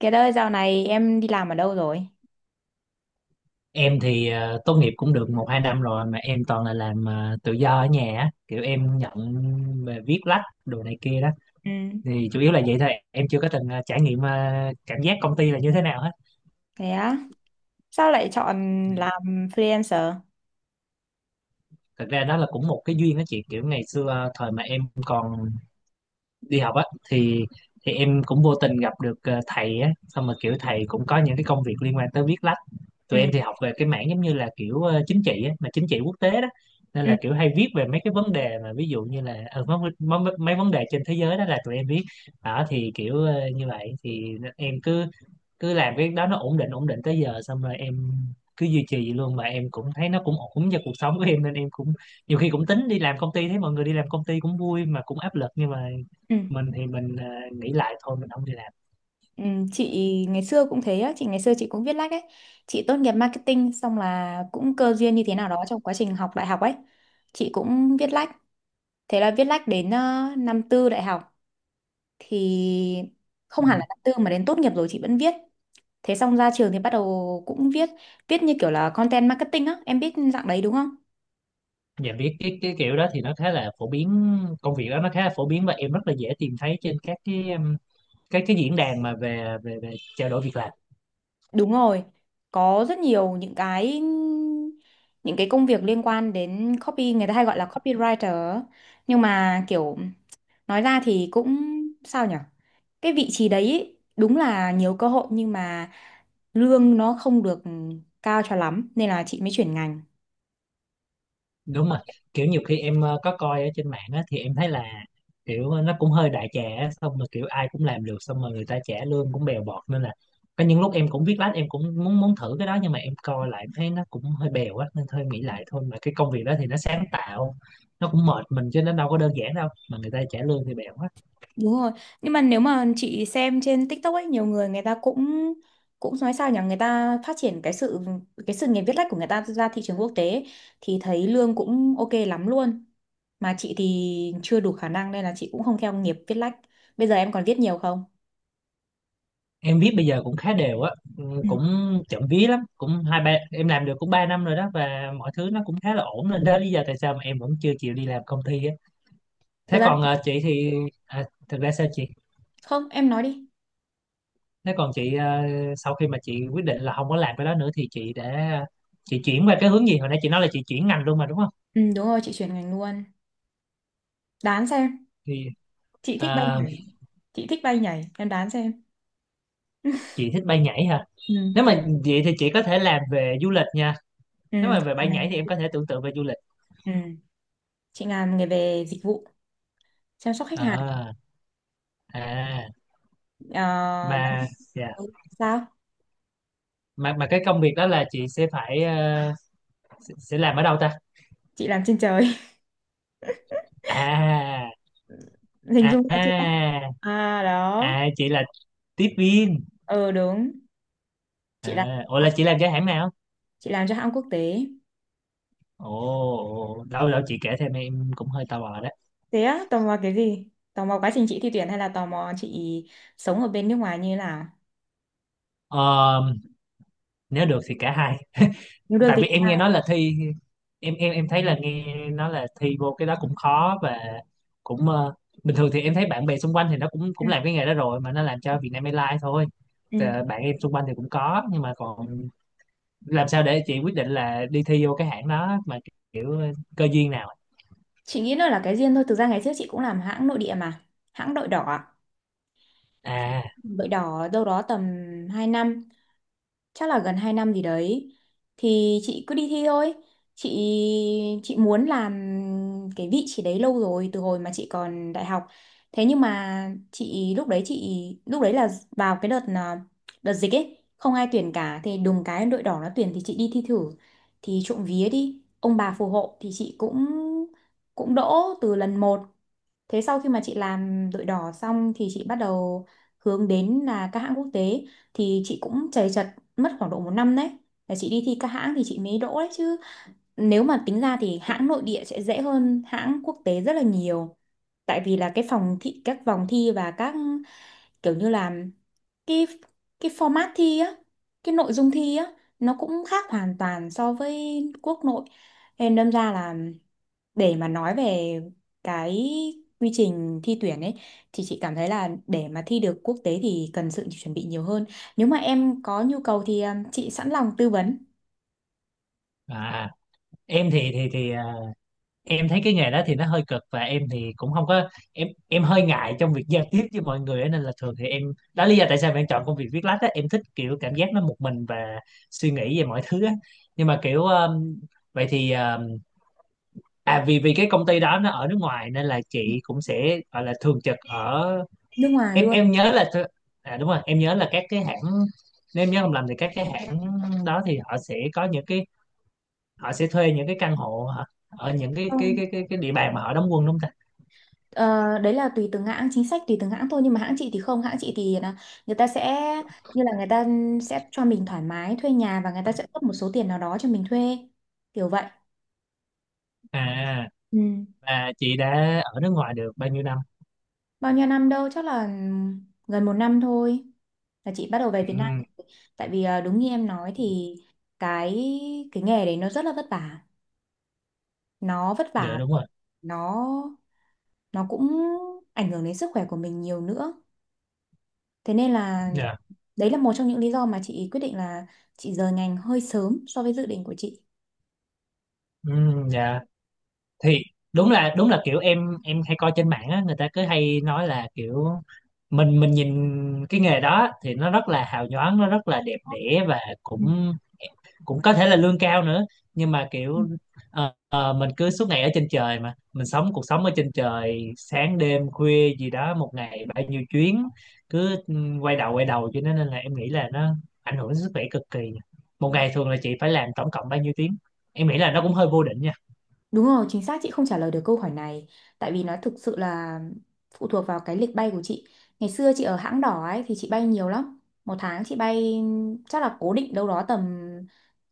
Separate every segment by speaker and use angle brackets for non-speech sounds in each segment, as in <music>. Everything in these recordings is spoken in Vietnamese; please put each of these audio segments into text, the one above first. Speaker 1: Kiệt ơi, dạo này em đi làm ở đâu rồi?
Speaker 2: Em thì tốt nghiệp cũng được một hai năm rồi mà em toàn là làm tự do ở nhà á. Kiểu em nhận về viết lách đồ này kia đó,
Speaker 1: Ừ.
Speaker 2: thì chủ yếu là vậy thôi. Em chưa có từng trải nghiệm cảm giác công ty là như thế nào hết.
Speaker 1: Thế á, sao lại
Speaker 2: Ừ.
Speaker 1: chọn làm freelancer?
Speaker 2: Thật ra đó là cũng một cái duyên đó chị. Kiểu ngày xưa thời mà em còn đi học á, thì thì em cũng vô tình gặp được thầy á, xong mà kiểu thầy cũng có những cái công việc liên quan tới viết lách. Tụi
Speaker 1: Ừ
Speaker 2: em thì học về cái mảng giống như là kiểu chính trị á, mà chính trị quốc tế đó, nên
Speaker 1: ừ,
Speaker 2: là kiểu hay viết về mấy cái vấn đề mà ví dụ như là mấy vấn đề trên thế giới đó là tụi em viết. Đó thì kiểu như vậy thì em cứ cứ làm cái đó nó ổn định tới giờ, xong rồi em cứ duy trì vậy luôn, mà em cũng thấy nó cũng ổn cho cuộc sống của em nên em cũng nhiều khi cũng tính đi làm công ty, thấy mọi người đi làm công ty cũng vui mà cũng áp lực, nhưng mà
Speaker 1: ừ,
Speaker 2: mình thì mình nghĩ lại thôi mình không đi làm.
Speaker 1: ừ. Chị ngày xưa cũng thế á, chị ngày xưa chị cũng viết lách ấy. Chị tốt nghiệp marketing xong là cũng cơ duyên như thế nào đó trong quá trình học đại học ấy. Chị cũng viết lách. Thế là viết lách đến năm tư đại học thì không
Speaker 2: Ừ.
Speaker 1: hẳn là năm tư mà đến tốt nghiệp rồi chị vẫn viết. Thế xong ra trường thì bắt đầu cũng viết, viết như kiểu là content marketing á, em biết dạng đấy đúng không?
Speaker 2: Dạ biết cái kiểu đó thì nó khá là phổ biến, công việc đó nó khá là phổ biến và em rất là dễ tìm thấy trên các cái cái diễn đàn mà về về về trao đổi việc làm.
Speaker 1: Đúng rồi, có rất nhiều những cái công việc liên quan đến copy, người ta hay gọi là copywriter á. Nhưng mà kiểu nói ra thì cũng sao nhở, cái vị trí đấy ý, đúng là nhiều cơ hội nhưng mà lương nó không được cao cho lắm nên là chị mới chuyển ngành.
Speaker 2: Đúng mà, kiểu nhiều khi em có coi ở trên mạng á, thì em thấy là kiểu nó cũng hơi đại trà á, xong rồi kiểu ai cũng làm được, xong rồi người ta trả lương cũng bèo bọt nên là có những lúc em cũng viết lách, em cũng muốn muốn thử cái đó, nhưng mà em coi lại em thấy nó cũng hơi bèo á nên thôi em nghĩ lại thôi. Mà cái công việc đó thì nó sáng tạo, nó cũng mệt mình chứ nó đâu có đơn giản đâu, mà người ta trả lương thì bèo quá.
Speaker 1: Đúng rồi. Nhưng mà nếu mà chị xem trên TikTok ấy, nhiều người người ta cũng cũng nói sao nhỉ, người ta phát triển cái sự nghiệp viết lách của người ta ra thị trường quốc tế ấy, thì thấy lương cũng ok lắm luôn. Mà chị thì chưa đủ khả năng nên là chị cũng không theo nghiệp viết lách. Bây giờ em còn viết nhiều không?
Speaker 2: Em viết bây giờ cũng khá đều á. Ừ,
Speaker 1: Ừ.
Speaker 2: cũng chậm vía lắm, cũng hai ba em làm được cũng ba năm rồi đó, và mọi thứ nó cũng khá là ổn nên đó là lý do tại sao mà em vẫn chưa chịu đi làm công ty á.
Speaker 1: Thực
Speaker 2: Thế
Speaker 1: ra
Speaker 2: còn chị thì à, thực ra sao chị?
Speaker 1: không, em nói đi.
Speaker 2: Thế còn chị sau khi mà chị quyết định là không có làm cái đó nữa thì chị chuyển qua cái hướng gì? Hồi nãy chị nói là chị chuyển ngành luôn mà, đúng không?
Speaker 1: Ừ đúng rồi, chị chuyển ngành luôn. Đoán xem,
Speaker 2: Thì
Speaker 1: chị thích bay
Speaker 2: ờ,
Speaker 1: nhảy. Chị thích bay nhảy, em đoán xem. <laughs>
Speaker 2: chị thích bay nhảy hả?
Speaker 1: Ừ,
Speaker 2: Nếu
Speaker 1: chị,
Speaker 2: mà vậy thì chị có thể làm về du lịch nha.
Speaker 1: ừ,
Speaker 2: Nếu mà
Speaker 1: chị
Speaker 2: về bay
Speaker 1: Ngàn này.
Speaker 2: nhảy thì em có thể tưởng tượng về du lịch.
Speaker 1: Ừ, chị làm nghề về dịch vụ chăm sóc khách hàng.
Speaker 2: Ờ, à
Speaker 1: Ờ, đó.
Speaker 2: mà dạ,
Speaker 1: Ừ, sao
Speaker 2: mà cái công việc đó là chị sẽ phải sẽ làm ở đâu ta?
Speaker 1: chị làm trên trời <laughs>
Speaker 2: à
Speaker 1: hình
Speaker 2: à
Speaker 1: dung ra chưa?
Speaker 2: à
Speaker 1: À đó,
Speaker 2: à, chị là tiếp viên.
Speaker 1: ờ đúng, chị làm cho
Speaker 2: À ủa, là
Speaker 1: nó-
Speaker 2: chị làm cho hãng nào?
Speaker 1: chị làm cho hãng quốc tế.
Speaker 2: Ồ, đâu đâu chị kể thêm, em cũng hơi tò mò đó.
Speaker 1: Thế á, tò mò cái gì? Tò mò quá trình chị thi tuyển hay là tò mò chị sống ở bên nước ngoài như thế nào?
Speaker 2: Ờ, nếu được thì cả hai.
Speaker 1: Nếu được
Speaker 2: Tại
Speaker 1: thì
Speaker 2: vì
Speaker 1: cũng
Speaker 2: em nghe
Speaker 1: là
Speaker 2: nói là thi em thấy là nghe nói là thi vô cái đó cũng khó, và cũng bình thường thì em thấy bạn bè xung quanh thì nó cũng
Speaker 1: ừ.
Speaker 2: cũng làm cái nghề đó rồi, mà nó làm cho Vietnam Airlines thôi.
Speaker 1: Ừ.
Speaker 2: Ờ, bạn em xung quanh thì cũng có, nhưng mà còn làm sao để chị quyết định là đi thi vô cái hãng đó mà, kiểu cơ duyên nào ấy?
Speaker 1: Chị nghĩ nó là cái duyên thôi, thực ra ngày trước chị cũng làm hãng nội địa mà, hãng đội đỏ ạ.
Speaker 2: à
Speaker 1: Đội đỏ đâu đó tầm 2 năm, chắc là gần 2 năm gì đấy. Thì chị cứ đi thi thôi, chị chị muốn làm cái vị trí đấy lâu rồi từ hồi mà chị còn đại học. Thế nhưng mà chị lúc đấy là vào cái đợt đợt dịch ấy, không ai tuyển cả, thì đùng cái đội đỏ nó tuyển thì chị đi thi thử, thì trộm vía đi ông bà phù hộ thì chị cũng cũng đỗ từ lần một. Thế sau khi mà chị làm đội đỏ xong thì chị bắt đầu hướng đến là các hãng quốc tế, thì chị cũng chầy chật mất khoảng độ một năm đấy. Là chị đi thi các hãng thì chị mới đỗ đấy chứ. Nếu mà tính ra thì hãng nội địa sẽ dễ hơn hãng quốc tế rất là nhiều. Tại vì là cái phòng thi, các vòng thi, và các kiểu như là cái cái format thi á, cái nội dung thi á, nó cũng khác hoàn toàn so với quốc nội. Nên đâm ra là để mà nói về cái quy trình thi tuyển ấy thì chị cảm thấy là để mà thi được quốc tế thì cần sự chuẩn bị nhiều hơn. Nếu mà em có nhu cầu thì chị sẵn lòng tư vấn
Speaker 2: à em thì em thấy cái nghề đó thì nó hơi cực, và em thì cũng không có em hơi ngại trong việc giao tiếp với mọi người á, nên là thường thì em đó lý do tại sao mà em chọn công việc viết lách á, em thích kiểu cảm giác nó một mình và suy nghĩ về mọi thứ á. Nhưng mà kiểu vậy thì à vì vì cái công ty đó nó ở nước ngoài nên là chị cũng sẽ gọi là thường trực ở.
Speaker 1: nước ngoài
Speaker 2: em
Speaker 1: luôn.
Speaker 2: em nhớ là à đúng rồi em nhớ là các cái hãng nếu em nhớ không lầm thì các cái hãng đó thì họ sẽ có những cái họ sẽ thuê những cái căn hộ hả? Ở những cái cái
Speaker 1: Không,
Speaker 2: cái cái cái địa bàn mà họ đóng quân, đúng không ta?
Speaker 1: ờ, đấy là tùy từng hãng, chính sách tùy từng hãng thôi, nhưng mà hãng chị thì không, hãng chị thì là người ta sẽ như là người ta sẽ cho mình thoải mái thuê nhà và người ta sẽ cấp một số tiền nào đó cho mình thuê, kiểu vậy.
Speaker 2: À,
Speaker 1: Ừ.
Speaker 2: và chị đã ở nước ngoài được bao nhiêu năm?
Speaker 1: Bao nhiêu năm đâu, chắc là ừ, gần một năm thôi là chị bắt đầu về Việt Nam.
Speaker 2: Ừ,
Speaker 1: Tại vì đúng như em nói thì cái cái nghề đấy nó rất là vất vả. Nó vất
Speaker 2: dạ
Speaker 1: vả,
Speaker 2: đúng rồi.
Speaker 1: nó nó cũng ảnh hưởng đến sức khỏe của mình nhiều nữa. Thế nên là
Speaker 2: Dạ.
Speaker 1: đấy là một trong những lý do mà chị quyết định là chị rời ngành hơi sớm so với dự định của chị.
Speaker 2: Ừ, dạ, thì đúng là kiểu em hay coi trên mạng á, người ta cứ hay nói là kiểu mình nhìn cái nghề đó thì nó rất là hào nhoáng, nó rất là đẹp đẽ, và cũng cũng có thể là lương cao nữa. Nhưng mà
Speaker 1: Ừ.
Speaker 2: kiểu mình cứ suốt ngày ở trên trời, mà mình sống cuộc sống ở trên trời, sáng đêm khuya gì đó, một ngày bao nhiêu chuyến cứ quay đầu quay đầu, cho nên là em nghĩ là nó ảnh hưởng đến sức khỏe cực kỳ. Một ngày thường là chị phải làm tổng cộng bao nhiêu tiếng? Em nghĩ là nó cũng hơi vô định nha.
Speaker 1: Đúng rồi, chính xác, chị không trả lời được câu hỏi này. Tại vì nó thực sự là phụ thuộc vào cái lịch bay của chị. Ngày xưa chị ở hãng đỏ ấy thì chị bay nhiều lắm. Một tháng chị bay chắc là cố định đâu đó tầm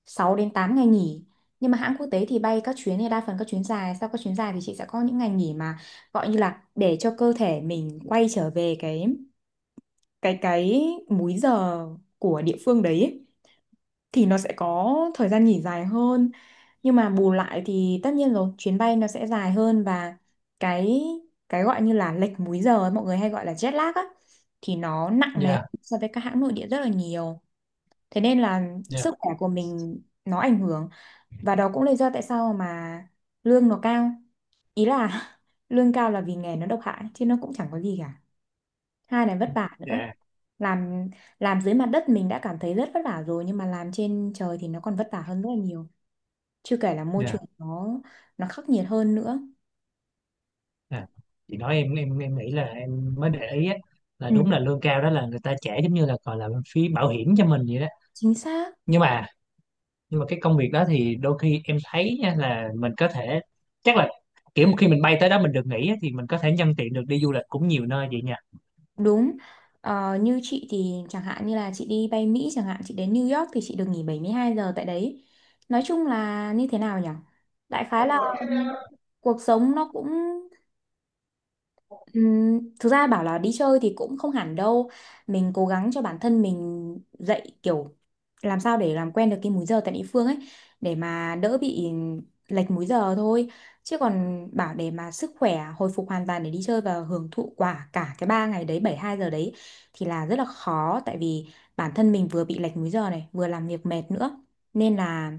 Speaker 1: 6 đến 8 ngày nghỉ. Nhưng mà hãng quốc tế thì bay các chuyến này đa phần các chuyến dài. Sau các chuyến dài thì chị sẽ có những ngày nghỉ mà gọi như là để cho cơ thể mình quay trở về cái múi giờ của địa phương đấy ấy. Thì nó sẽ có thời gian nghỉ dài hơn, nhưng mà bù lại thì tất nhiên rồi, chuyến bay nó sẽ dài hơn, và cái cái gọi như là lệch múi giờ ấy, mọi người hay gọi là jet lag á, thì nó nặng nề
Speaker 2: Dạ.
Speaker 1: hơn so với các hãng nội địa rất là nhiều. Thế nên là
Speaker 2: Dạ.
Speaker 1: sức khỏe của mình nó ảnh hưởng, và đó cũng là lý do tại sao mà lương nó cao, ý là <laughs> lương cao là vì nghề nó độc hại chứ nó cũng chẳng có gì cả, hai là vất vả nữa.
Speaker 2: Dạ.
Speaker 1: làm làm dưới mặt đất mình đã cảm thấy rất vất vả rồi, nhưng mà làm trên trời thì nó còn vất vả hơn rất là nhiều, chưa kể là môi
Speaker 2: Dạ.
Speaker 1: trường nó khắc nghiệt hơn nữa.
Speaker 2: Dạ. Chị nói, em nghĩ là em mới để ý á, là
Speaker 1: Ừ.
Speaker 2: đúng là lương cao đó là người ta trả giống như là gọi là phí bảo hiểm cho mình vậy đó.
Speaker 1: Chính xác.
Speaker 2: Nhưng mà nhưng mà cái công việc đó thì đôi khi em thấy nha, là mình có thể, chắc là, kiểu khi mình bay tới đó mình được nghỉ á, thì mình có thể nhân tiện được đi du lịch cũng nhiều nơi vậy nha.
Speaker 1: Đúng. Ờ, như chị thì chẳng hạn như là chị đi bay Mỹ chẳng hạn, chị đến New York thì chị được nghỉ 72 giờ tại đấy. Nói chung là như thế nào nhỉ, đại khái là cuộc sống nó cũng thực ra bảo là đi chơi thì cũng không hẳn đâu, mình cố gắng cho bản thân mình dậy kiểu làm sao để làm quen được cái múi giờ tại địa phương ấy, để mà đỡ bị lệch múi giờ thôi, chứ còn bảo để mà sức khỏe hồi phục hoàn toàn để đi chơi và hưởng thụ quả cả cái 3 ngày đấy 72 giờ đấy thì là rất là khó, tại vì bản thân mình vừa bị lệch múi giờ này vừa làm việc mệt nữa, nên là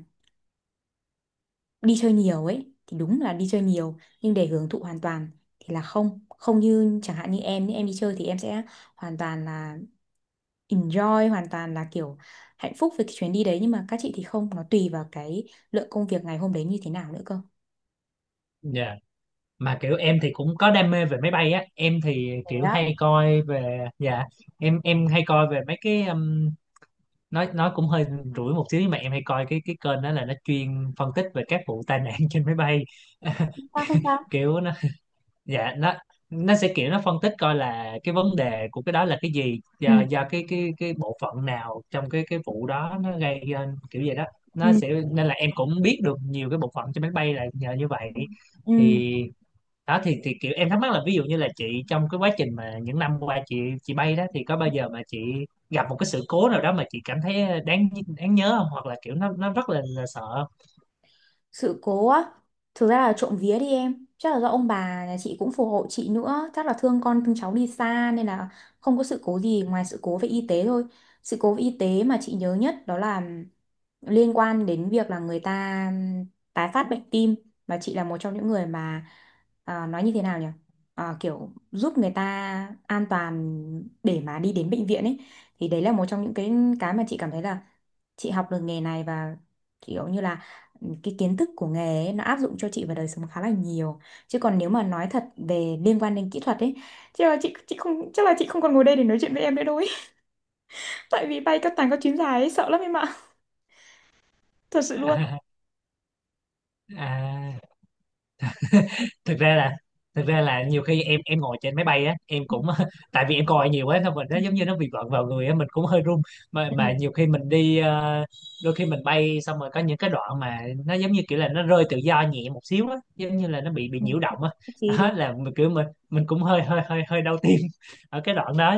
Speaker 1: đi chơi nhiều ấy thì đúng là đi chơi nhiều, nhưng để hưởng thụ hoàn toàn thì là không, không như chẳng hạn như em, đi chơi thì em sẽ hoàn toàn là enjoy, hoàn toàn là kiểu hạnh phúc với cái chuyến đi đấy, nhưng mà các chị thì không, nó tùy vào cái lượng công việc ngày hôm đấy như thế nào nữa cơ.
Speaker 2: Dạ. Mà kiểu em thì cũng có đam mê về máy bay á, em thì
Speaker 1: Thế
Speaker 2: kiểu
Speaker 1: á,
Speaker 2: hay coi về. Dạ. Em hay coi về mấy cái nói cũng hơi rủi một xíu, nhưng mà em hay coi cái kênh đó là nó chuyên phân tích về các vụ tai nạn <laughs> trên máy bay.
Speaker 1: sao không sao?
Speaker 2: Kiểu nó, dạ, nó sẽ, kiểu nó phân tích coi là cái vấn đề của cái đó là cái gì,
Speaker 1: Ừ.
Speaker 2: do cái bộ phận nào trong cái vụ đó nó gây nên, kiểu vậy đó. nó
Speaker 1: Ừ.
Speaker 2: sẽ nên là em cũng biết được nhiều cái bộ phận trên máy bay là nhờ như vậy.
Speaker 1: Ừ.
Speaker 2: Thì đó, thì kiểu em thắc mắc là ví dụ như là chị, trong cái quá trình mà những năm qua chị bay đó, thì có bao giờ mà chị gặp một cái sự cố nào đó mà chị cảm thấy đáng đáng nhớ không, hoặc là kiểu nó rất là sợ không?
Speaker 1: Sự cố á, thực ra là trộm vía đi em, chắc là do ông bà nhà chị cũng phù hộ chị nữa, chắc là thương con thương cháu đi xa nên là không có sự cố gì ngoài sự cố về y tế thôi. Sự cố về y tế mà chị nhớ nhất đó là liên quan đến việc là người ta tái phát bệnh tim, và chị là một trong những người mà nói như thế nào nhỉ? À, kiểu giúp người ta an toàn để mà đi đến bệnh viện ấy, thì đấy là một trong những cái mà chị cảm thấy là chị học được nghề này và kiểu như là cái kiến thức của nghề ấy, nó áp dụng cho chị vào đời sống khá là nhiều. Chứ còn nếu mà nói thật về liên quan đến kỹ thuật ấy, chắc là chị không, chắc là chị không còn ngồi đây để nói chuyện với em nữa đâu ấy, <laughs> tại vì bay các tàng các chuyến dài ấy, sợ lắm em ạ. <laughs> Thật sự luôn.
Speaker 2: <laughs> à, thực ra là nhiều khi em ngồi trên máy bay á, em cũng <laughs> tại vì em coi nhiều quá, xong rồi nó giống như
Speaker 1: <laughs>
Speaker 2: nó bị vợn vào người á, mình cũng hơi run. mà
Speaker 1: Ừ, ừ,
Speaker 2: mà nhiều khi mình đi ờ, đôi khi mình bay xong rồi có những cái đoạn mà nó giống như kiểu là nó rơi tự do nhẹ một xíu á, giống như là nó bị
Speaker 1: ừ.
Speaker 2: nhiễu động á.
Speaker 1: Chị
Speaker 2: <laughs>
Speaker 1: đúng
Speaker 2: Đó, là mình kiểu mình cũng hơi hơi hơi hơi đau tim <laughs> ở cái đoạn đó,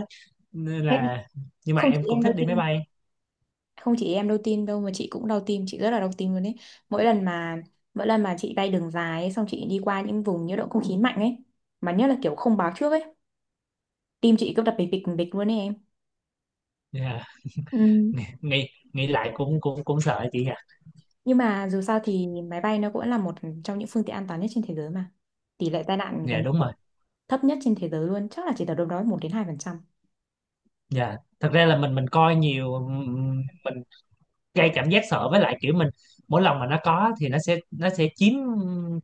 Speaker 2: nên
Speaker 1: em,
Speaker 2: là. Nhưng mà
Speaker 1: không
Speaker 2: em
Speaker 1: chỉ
Speaker 2: cũng
Speaker 1: em đau
Speaker 2: thích đi máy
Speaker 1: tim
Speaker 2: bay.
Speaker 1: không chỉ em đau tim đâu mà chị cũng đau tim, chị rất là đau tim luôn ấy. mỗi lần mà Mỗi lần mà chị bay đường dài ấy, xong chị đi qua những vùng nhiễu động không khí mạnh ấy, mà nhất là kiểu không báo trước ấy, tim chị cứ đập bịch bịch bịch luôn ấy em.
Speaker 2: Dạ.
Speaker 1: Ừ.
Speaker 2: nghĩ nghĩ lại cũng cũng cũng sợ chị nhỉ.
Speaker 1: Nhưng mà dù sao thì máy bay nó cũng là một trong những phương tiện an toàn nhất trên thế giới mà. Tỷ lệ tai nạn gần
Speaker 2: Dạ
Speaker 1: như
Speaker 2: đúng
Speaker 1: là
Speaker 2: rồi.
Speaker 1: thấp nhất trên thế giới luôn, chắc là chỉ tầm đâu đó một đến 2%.
Speaker 2: Dạ thật ra là mình coi nhiều, mình gây cảm giác sợ. Với lại kiểu mình, mỗi lần mà nó có thì nó sẽ chiếm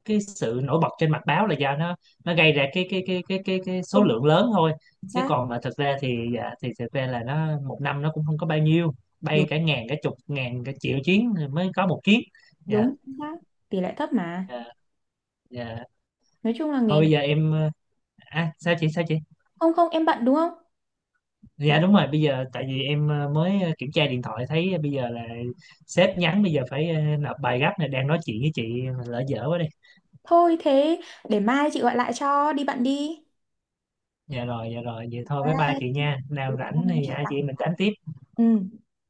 Speaker 2: cái sự nổi bật trên mặt báo là do nó gây ra cái số
Speaker 1: Không,
Speaker 2: lượng lớn thôi.
Speaker 1: chính
Speaker 2: Chứ
Speaker 1: xác.
Speaker 2: còn mà thực ra thì dạ, thì thực ra là nó một năm nó cũng không có bao nhiêu,
Speaker 1: Đúng,
Speaker 2: bay cả ngàn cả chục ngàn cả triệu chuyến thì mới có một chuyến. Dạ.
Speaker 1: đúng chính xác. Tỷ lệ thấp mà.
Speaker 2: Dạ. Dạ.
Speaker 1: Nói chung là
Speaker 2: Thôi
Speaker 1: nghề
Speaker 2: bây
Speaker 1: này.
Speaker 2: giờ em à, sao chị.
Speaker 1: Không không, em bận đúng không?
Speaker 2: Dạ đúng rồi, bây giờ tại vì em mới kiểm tra điện thoại, thấy bây giờ là sếp nhắn bây giờ phải nộp bài gấp, này đang nói chuyện với chị mà lỡ dở quá.
Speaker 1: Thôi thế để mai chị gọi lại cho, đi bận đi.
Speaker 2: Dạ rồi, dạ rồi, vậy thôi với ba chị nha, nào
Speaker 1: Bye.
Speaker 2: rảnh thì hai chị mình tám tiếp.
Speaker 1: Ừ.